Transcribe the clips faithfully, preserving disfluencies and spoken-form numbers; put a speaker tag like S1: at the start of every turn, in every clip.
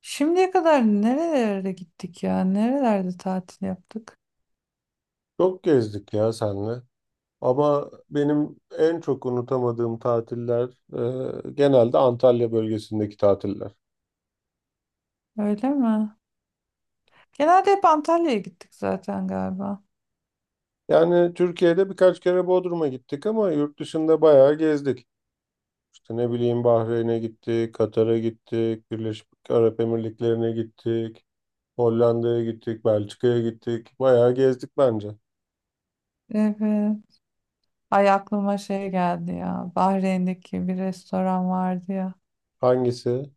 S1: Şimdiye kadar nerelere gittik ya? Nerelerde tatil yaptık?
S2: Çok gezdik ya senle. Ama benim en çok unutamadığım tatiller e, genelde Antalya bölgesindeki tatiller.
S1: Öyle mi? Genelde hep Antalya'ya gittik zaten galiba.
S2: Yani Türkiye'de birkaç kere Bodrum'a gittik ama yurt dışında bayağı gezdik. İşte ne bileyim Bahreyn'e gittik, Katar'a gittik, Birleşik Arap Emirlikleri'ne gittik, Hollanda'ya gittik, Belçika'ya gittik. Bayağı gezdik bence.
S1: Evet. Ay aklıma şey geldi ya. Bahreyn'deki bir restoran vardı ya.
S2: Hangisi?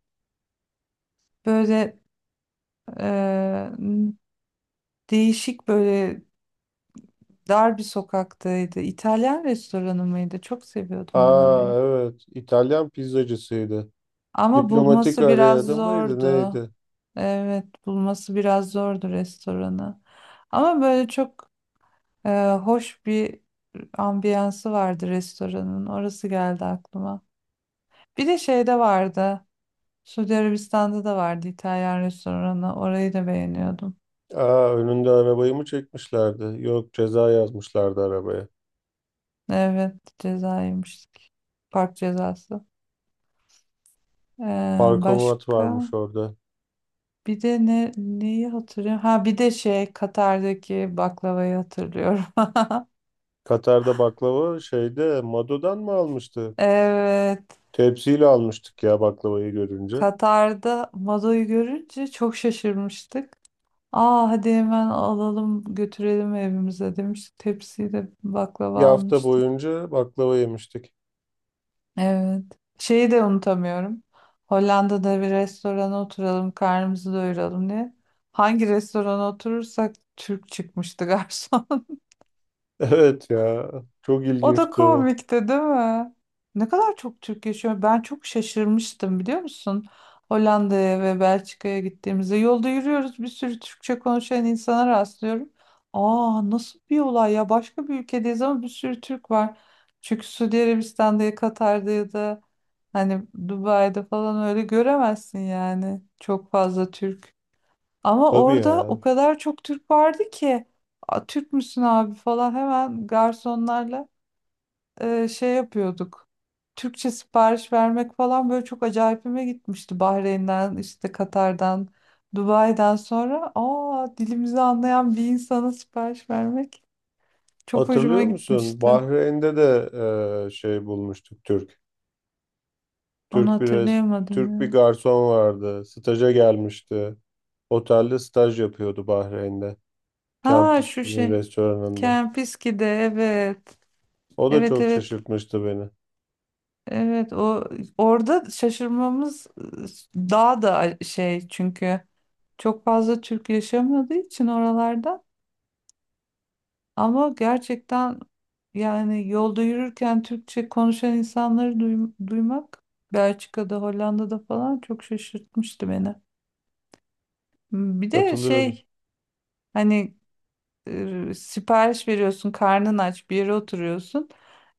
S1: Böyle e, değişik böyle dar bir sokaktaydı. İtalyan restoranı mıydı? Çok seviyordum ben
S2: Aa
S1: orayı.
S2: evet, İtalyan pizzacısıydı.
S1: Ama
S2: Diplomatik
S1: bulması biraz
S2: araya da mıydı
S1: zordu.
S2: neydi?
S1: Evet, bulması biraz zordu restoranı. Ama böyle çok Ee, hoş bir ambiyansı vardı restoranın. Orası geldi aklıma. Bir de şeyde vardı. Suudi Arabistan'da da vardı İtalyan restoranı. Orayı da beğeniyordum.
S2: Aa, önünde arabayı mı çekmişlerdi? Yok ceza yazmışlardı arabaya.
S1: Evet, ceza yemiştik. Park cezası. Ee,
S2: Parkomat
S1: başka
S2: varmış orada.
S1: bir de ne neyi hatırlıyorum? Ha bir de şey Katar'daki baklavayı hatırlıyorum.
S2: Katar'da baklava şeyde Mado'dan mı almıştık?
S1: Evet.
S2: Tepsiyle almıştık ya baklavayı görünce.
S1: Katar'da Mado'yu görünce çok şaşırmıştık. Aa hadi hemen alalım götürelim evimize demiştik. Tepsiyi de
S2: Bir
S1: baklava
S2: hafta
S1: almıştık.
S2: boyunca baklava yemiştik.
S1: Evet. Şeyi de unutamıyorum. Hollanda'da bir restorana oturalım, karnımızı doyuralım diye. Hangi restorana oturursak Türk çıkmıştı garson.
S2: Evet ya, çok
S1: O da
S2: ilginçti o.
S1: komikti, değil mi? Ne kadar çok Türk yaşıyor. Ben çok şaşırmıştım, biliyor musun? Hollanda'ya ve Belçika'ya gittiğimizde yolda yürüyoruz, bir sürü Türkçe konuşan insana rastlıyorum. Aa, nasıl bir olay ya, başka bir ülkedeyiz ama bir sürü Türk var. Çünkü Suudi Arabistan'da ya Katar'da ya da hani Dubai'de falan öyle göremezsin yani çok fazla Türk. Ama
S2: Tabii
S1: orada
S2: ya.
S1: o kadar çok Türk vardı ki "Aa, Türk müsün abi" falan, hemen garsonlarla e, şey yapıyorduk. Türkçe sipariş vermek falan böyle çok acayipime gitmişti. Bahreyn'den, işte Katar'dan, Dubai'den sonra aa dilimizi anlayan bir insana sipariş vermek çok hoşuma
S2: Hatırlıyor musun?
S1: gitmişti.
S2: Bahreyn'de de e, şey bulmuştuk Türk.
S1: Onu
S2: Türk bir res-
S1: hatırlayamadım
S2: Türk bir
S1: ya.
S2: garson vardı. Staja gelmişti. Otelde staj yapıyordu Bahreyn'de.
S1: Ha şu
S2: Kampüsünün
S1: şey.
S2: restoranında.
S1: Kempiski'de, evet.
S2: O da
S1: Evet,
S2: çok
S1: evet.
S2: şaşırtmıştı beni.
S1: Evet, o orada şaşırmamız e, daha da şey çünkü çok fazla Türk yaşamadığı için oralarda. Ama gerçekten yani yolda yürürken Türkçe konuşan insanları duym- duymak Belçika'da, Hollanda'da falan çok şaşırtmıştı beni. Bir de
S2: Katılıyorum.
S1: şey hani e, sipariş veriyorsun, karnın aç, bir yere oturuyorsun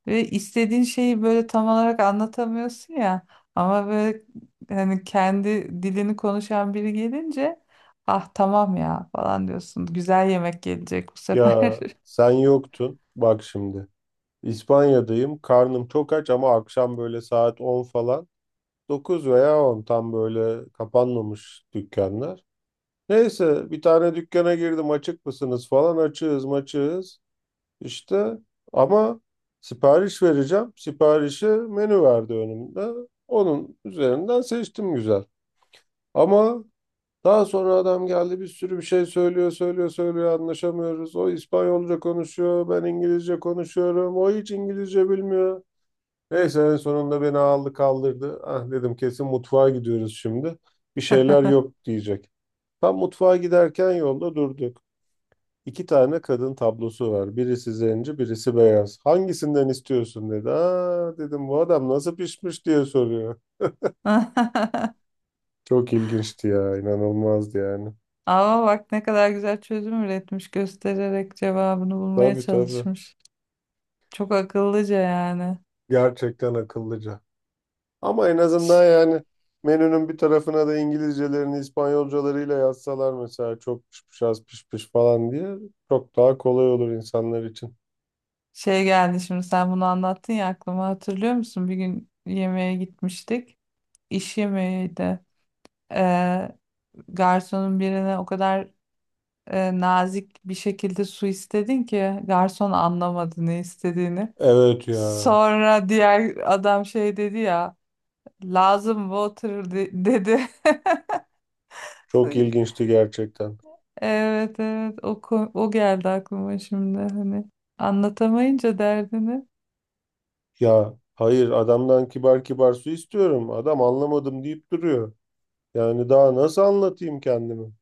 S1: ve istediğin şeyi böyle tam olarak anlatamıyorsun ya. Ama böyle hani kendi dilini konuşan biri gelince ah tamam ya falan diyorsun. Güzel yemek gelecek bu sefer.
S2: Ya sen yoktun. Bak şimdi. İspanya'dayım. Karnım çok aç ama akşam böyle saat on falan, dokuz veya on, tam böyle kapanmamış dükkanlar. Neyse bir tane dükkana girdim. Açık mısınız falan. Açığız maçığız. İşte ama sipariş vereceğim. Siparişi menü verdi önümde. Onun üzerinden seçtim güzel. Ama daha sonra adam geldi bir sürü bir şey söylüyor, söylüyor, söylüyor anlaşamıyoruz. O İspanyolca konuşuyor, ben İngilizce konuşuyorum. O hiç İngilizce bilmiyor. Neyse en sonunda beni aldı kaldırdı. Ah dedim kesin mutfağa gidiyoruz şimdi. Bir şeyler yok diyecek. Tam mutfağa giderken yolda durduk. İki tane kadın tablosu var. Birisi zenci, birisi beyaz. Hangisinden istiyorsun dedi. Aa dedim bu adam nasıl pişmiş diye soruyor. Çok ilginçti ya, inanılmazdı yani.
S1: Ama bak ne kadar güzel çözüm üretmiş, göstererek cevabını bulmaya
S2: Tabii tabii.
S1: çalışmış. Çok akıllıca yani.
S2: Gerçekten akıllıca. Ama en azından
S1: Ş-
S2: yani menünün bir tarafına da İngilizcelerini İspanyolcalarıyla yazsalar mesela çok piş piş az piş piş falan diye çok daha kolay olur insanlar için.
S1: Şey geldi şimdi sen bunu anlattın ya aklıma, hatırlıyor musun? Bir gün yemeğe gitmiştik. İş yemeğiydi. Ee, Garsonun birine o kadar e, nazik bir şekilde su istedin ki garson anlamadı ne istediğini.
S2: Evet ya.
S1: Sonra diğer adam şey dedi ya, lazım water de- dedi.
S2: Çok ilginçti gerçekten.
S1: Evet, evet, o, ko- o geldi aklıma şimdi hani anlatamayınca derdini.
S2: Ya hayır, adamdan kibar kibar su istiyorum. Adam anlamadım deyip duruyor. Yani daha nasıl anlatayım kendimi?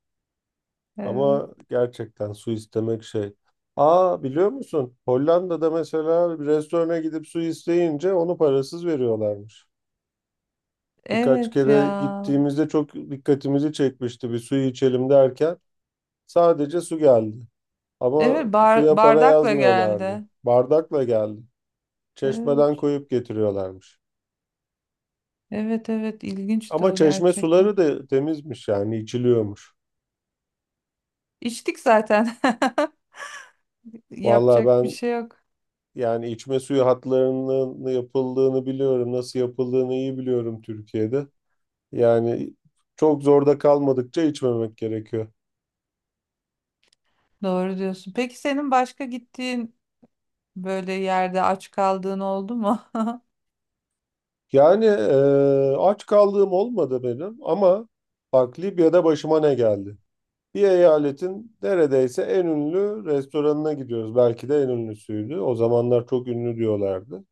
S1: Evet.
S2: Ama gerçekten su istemek şey. Aa, biliyor musun? Hollanda'da mesela bir restorana gidip su isteyince onu parasız veriyorlarmış. Birkaç
S1: Evet
S2: kere
S1: ya.
S2: gittiğimizde çok dikkatimizi çekmişti, bir suyu içelim derken sadece su geldi. Ama
S1: Evet, bar-
S2: suya para
S1: bardakla
S2: yazmıyorlardı.
S1: geldi.
S2: Bardakla geldi. Çeşmeden
S1: Evet.
S2: koyup getiriyorlarmış.
S1: Evet, evet, ilginçti
S2: Ama
S1: o
S2: çeşme
S1: gerçekten.
S2: suları da temizmiş, yani içiliyormuş.
S1: İçtik zaten.
S2: Vallahi
S1: Yapacak bir
S2: ben,
S1: şey yok.
S2: yani içme suyu hatlarının yapıldığını biliyorum. Nasıl yapıldığını iyi biliyorum Türkiye'de. Yani çok zorda kalmadıkça içmemek gerekiyor.
S1: Doğru diyorsun. Peki senin başka gittiğin böyle yerde aç kaldığın oldu mu?
S2: Yani e, aç kaldığım olmadı benim ama bak Libya'da başıma ne geldi? Bir eyaletin neredeyse en ünlü restoranına gidiyoruz. Belki de en ünlüsüydü. O zamanlar çok ünlü diyorlardı.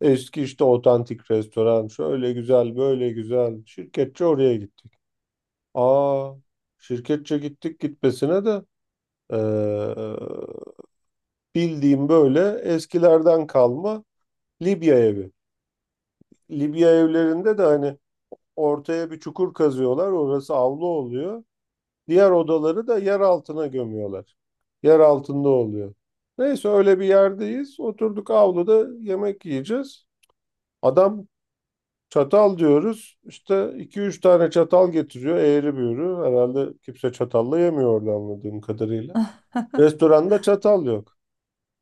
S2: Eski işte otantik restoran şöyle güzel böyle güzel şirketçi oraya gittik. Aa, şirketçe gittik gitmesine de eee, bildiğim böyle eskilerden kalma Libya evi. Libya evlerinde de hani ortaya bir çukur kazıyorlar, orası avlu oluyor. Diğer odaları da yer altına gömüyorlar. Yer altında oluyor. Neyse öyle bir yerdeyiz. Oturduk avluda yemek yiyeceğiz. Adam çatal diyoruz. İşte iki üç tane çatal getiriyor eğri büğrü. Herhalde kimse çatalla yemiyor orada anladığım kadarıyla. Restoranda çatal yok.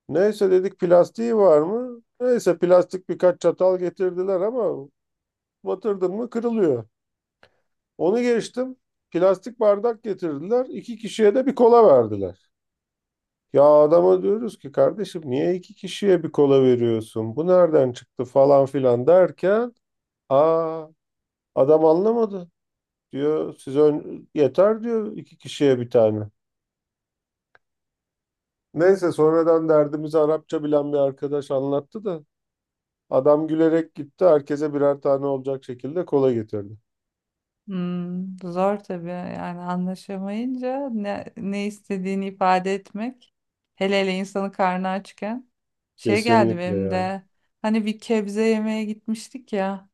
S2: Neyse dedik plastiği var mı? Neyse plastik birkaç çatal getirdiler ama batırdın mı kırılıyor. Onu geçtim. Plastik bardak getirdiler. İki kişiye de bir kola verdiler. Ya adama diyoruz ki kardeşim niye iki kişiye bir kola veriyorsun? Bu nereden çıktı falan filan derken aa adam anlamadı. Diyor siz ön- yeter diyor iki kişiye bir tane. Neyse sonradan derdimizi Arapça bilen bir arkadaş anlattı da adam gülerek gitti. Herkese birer tane olacak şekilde kola getirdi.
S1: Hmm, zor tabii yani anlaşamayınca ne, ne istediğini ifade etmek, hele hele insanın karnı açken şey geldi
S2: Kesinlikle
S1: benim
S2: ya.
S1: de hani bir kebze yemeye gitmiştik ya,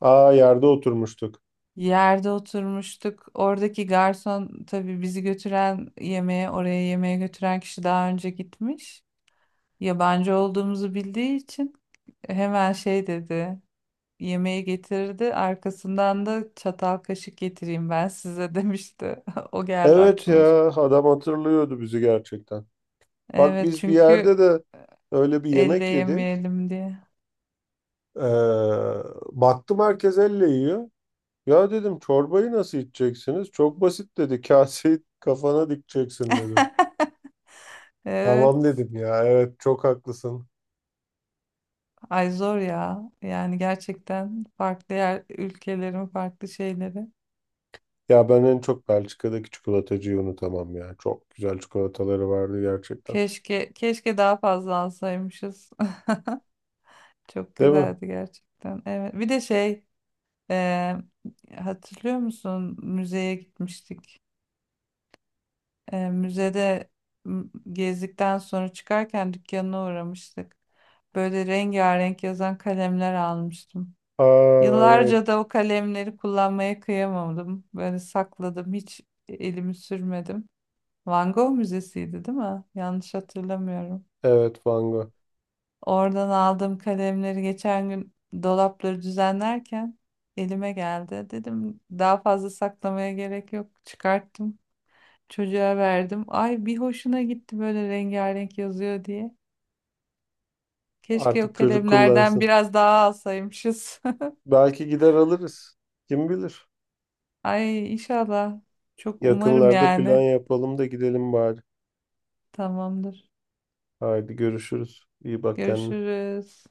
S2: Aa yerde oturmuştuk.
S1: yerde oturmuştuk, oradaki garson tabii bizi götüren yemeğe, oraya yemeğe götüren kişi daha önce gitmiş, yabancı olduğumuzu bildiği için hemen şey dedi, yemeği getirdi. Arkasından da çatal kaşık getireyim ben size demişti. O geldi
S2: Evet
S1: aklıma şimdi.
S2: ya, adam hatırlıyordu bizi gerçekten. Bak
S1: Evet
S2: biz bir
S1: çünkü
S2: yerde de öyle bir
S1: elle
S2: yemek yedik.
S1: yemeyelim diye.
S2: Ee, baktım herkes elle yiyor. Ya dedim çorbayı nasıl içeceksiniz? Çok basit dedi. Kaseyi kafana dikeceksin dedi.
S1: Evet.
S2: Tamam dedim ya, evet çok haklısın.
S1: Ay zor ya. Yani gerçekten farklı yer, ülkelerin farklı şeyleri.
S2: Ya ben en çok Belçika'daki çikolatacıyı unutamam ya. Çok güzel çikolataları vardı gerçekten.
S1: Keşke keşke daha fazla alsaymışız. Çok
S2: Değil mi?
S1: güzeldi gerçekten. Evet. Bir de şey, e, hatırlıyor musun? Müzeye gitmiştik. E, müzede m, gezdikten sonra çıkarken dükkanına uğramıştık. Böyle rengarenk yazan kalemler almıştım.
S2: Aa, evet.
S1: Yıllarca da o kalemleri kullanmaya kıyamadım. Böyle sakladım, hiç elimi sürmedim. Van Gogh Müzesi'ydi, değil mi? Yanlış hatırlamıyorum.
S2: Evet, Van Gogh.
S1: Oradan aldığım kalemleri geçen gün dolapları düzenlerken elime geldi. Dedim daha fazla saklamaya gerek yok. Çıkarttım. Çocuğa verdim. Ay bir hoşuna gitti böyle rengarenk yazıyor diye. Keşke o
S2: Artık çocuk
S1: kalemlerden
S2: kullansın.
S1: biraz daha alsaymışız.
S2: Belki gider alırız. Kim bilir?
S1: Ay inşallah. Çok umarım
S2: Yakınlarda plan
S1: yani.
S2: yapalım da gidelim bari.
S1: Tamamdır.
S2: Haydi görüşürüz. İyi bak kendine.
S1: Görüşürüz.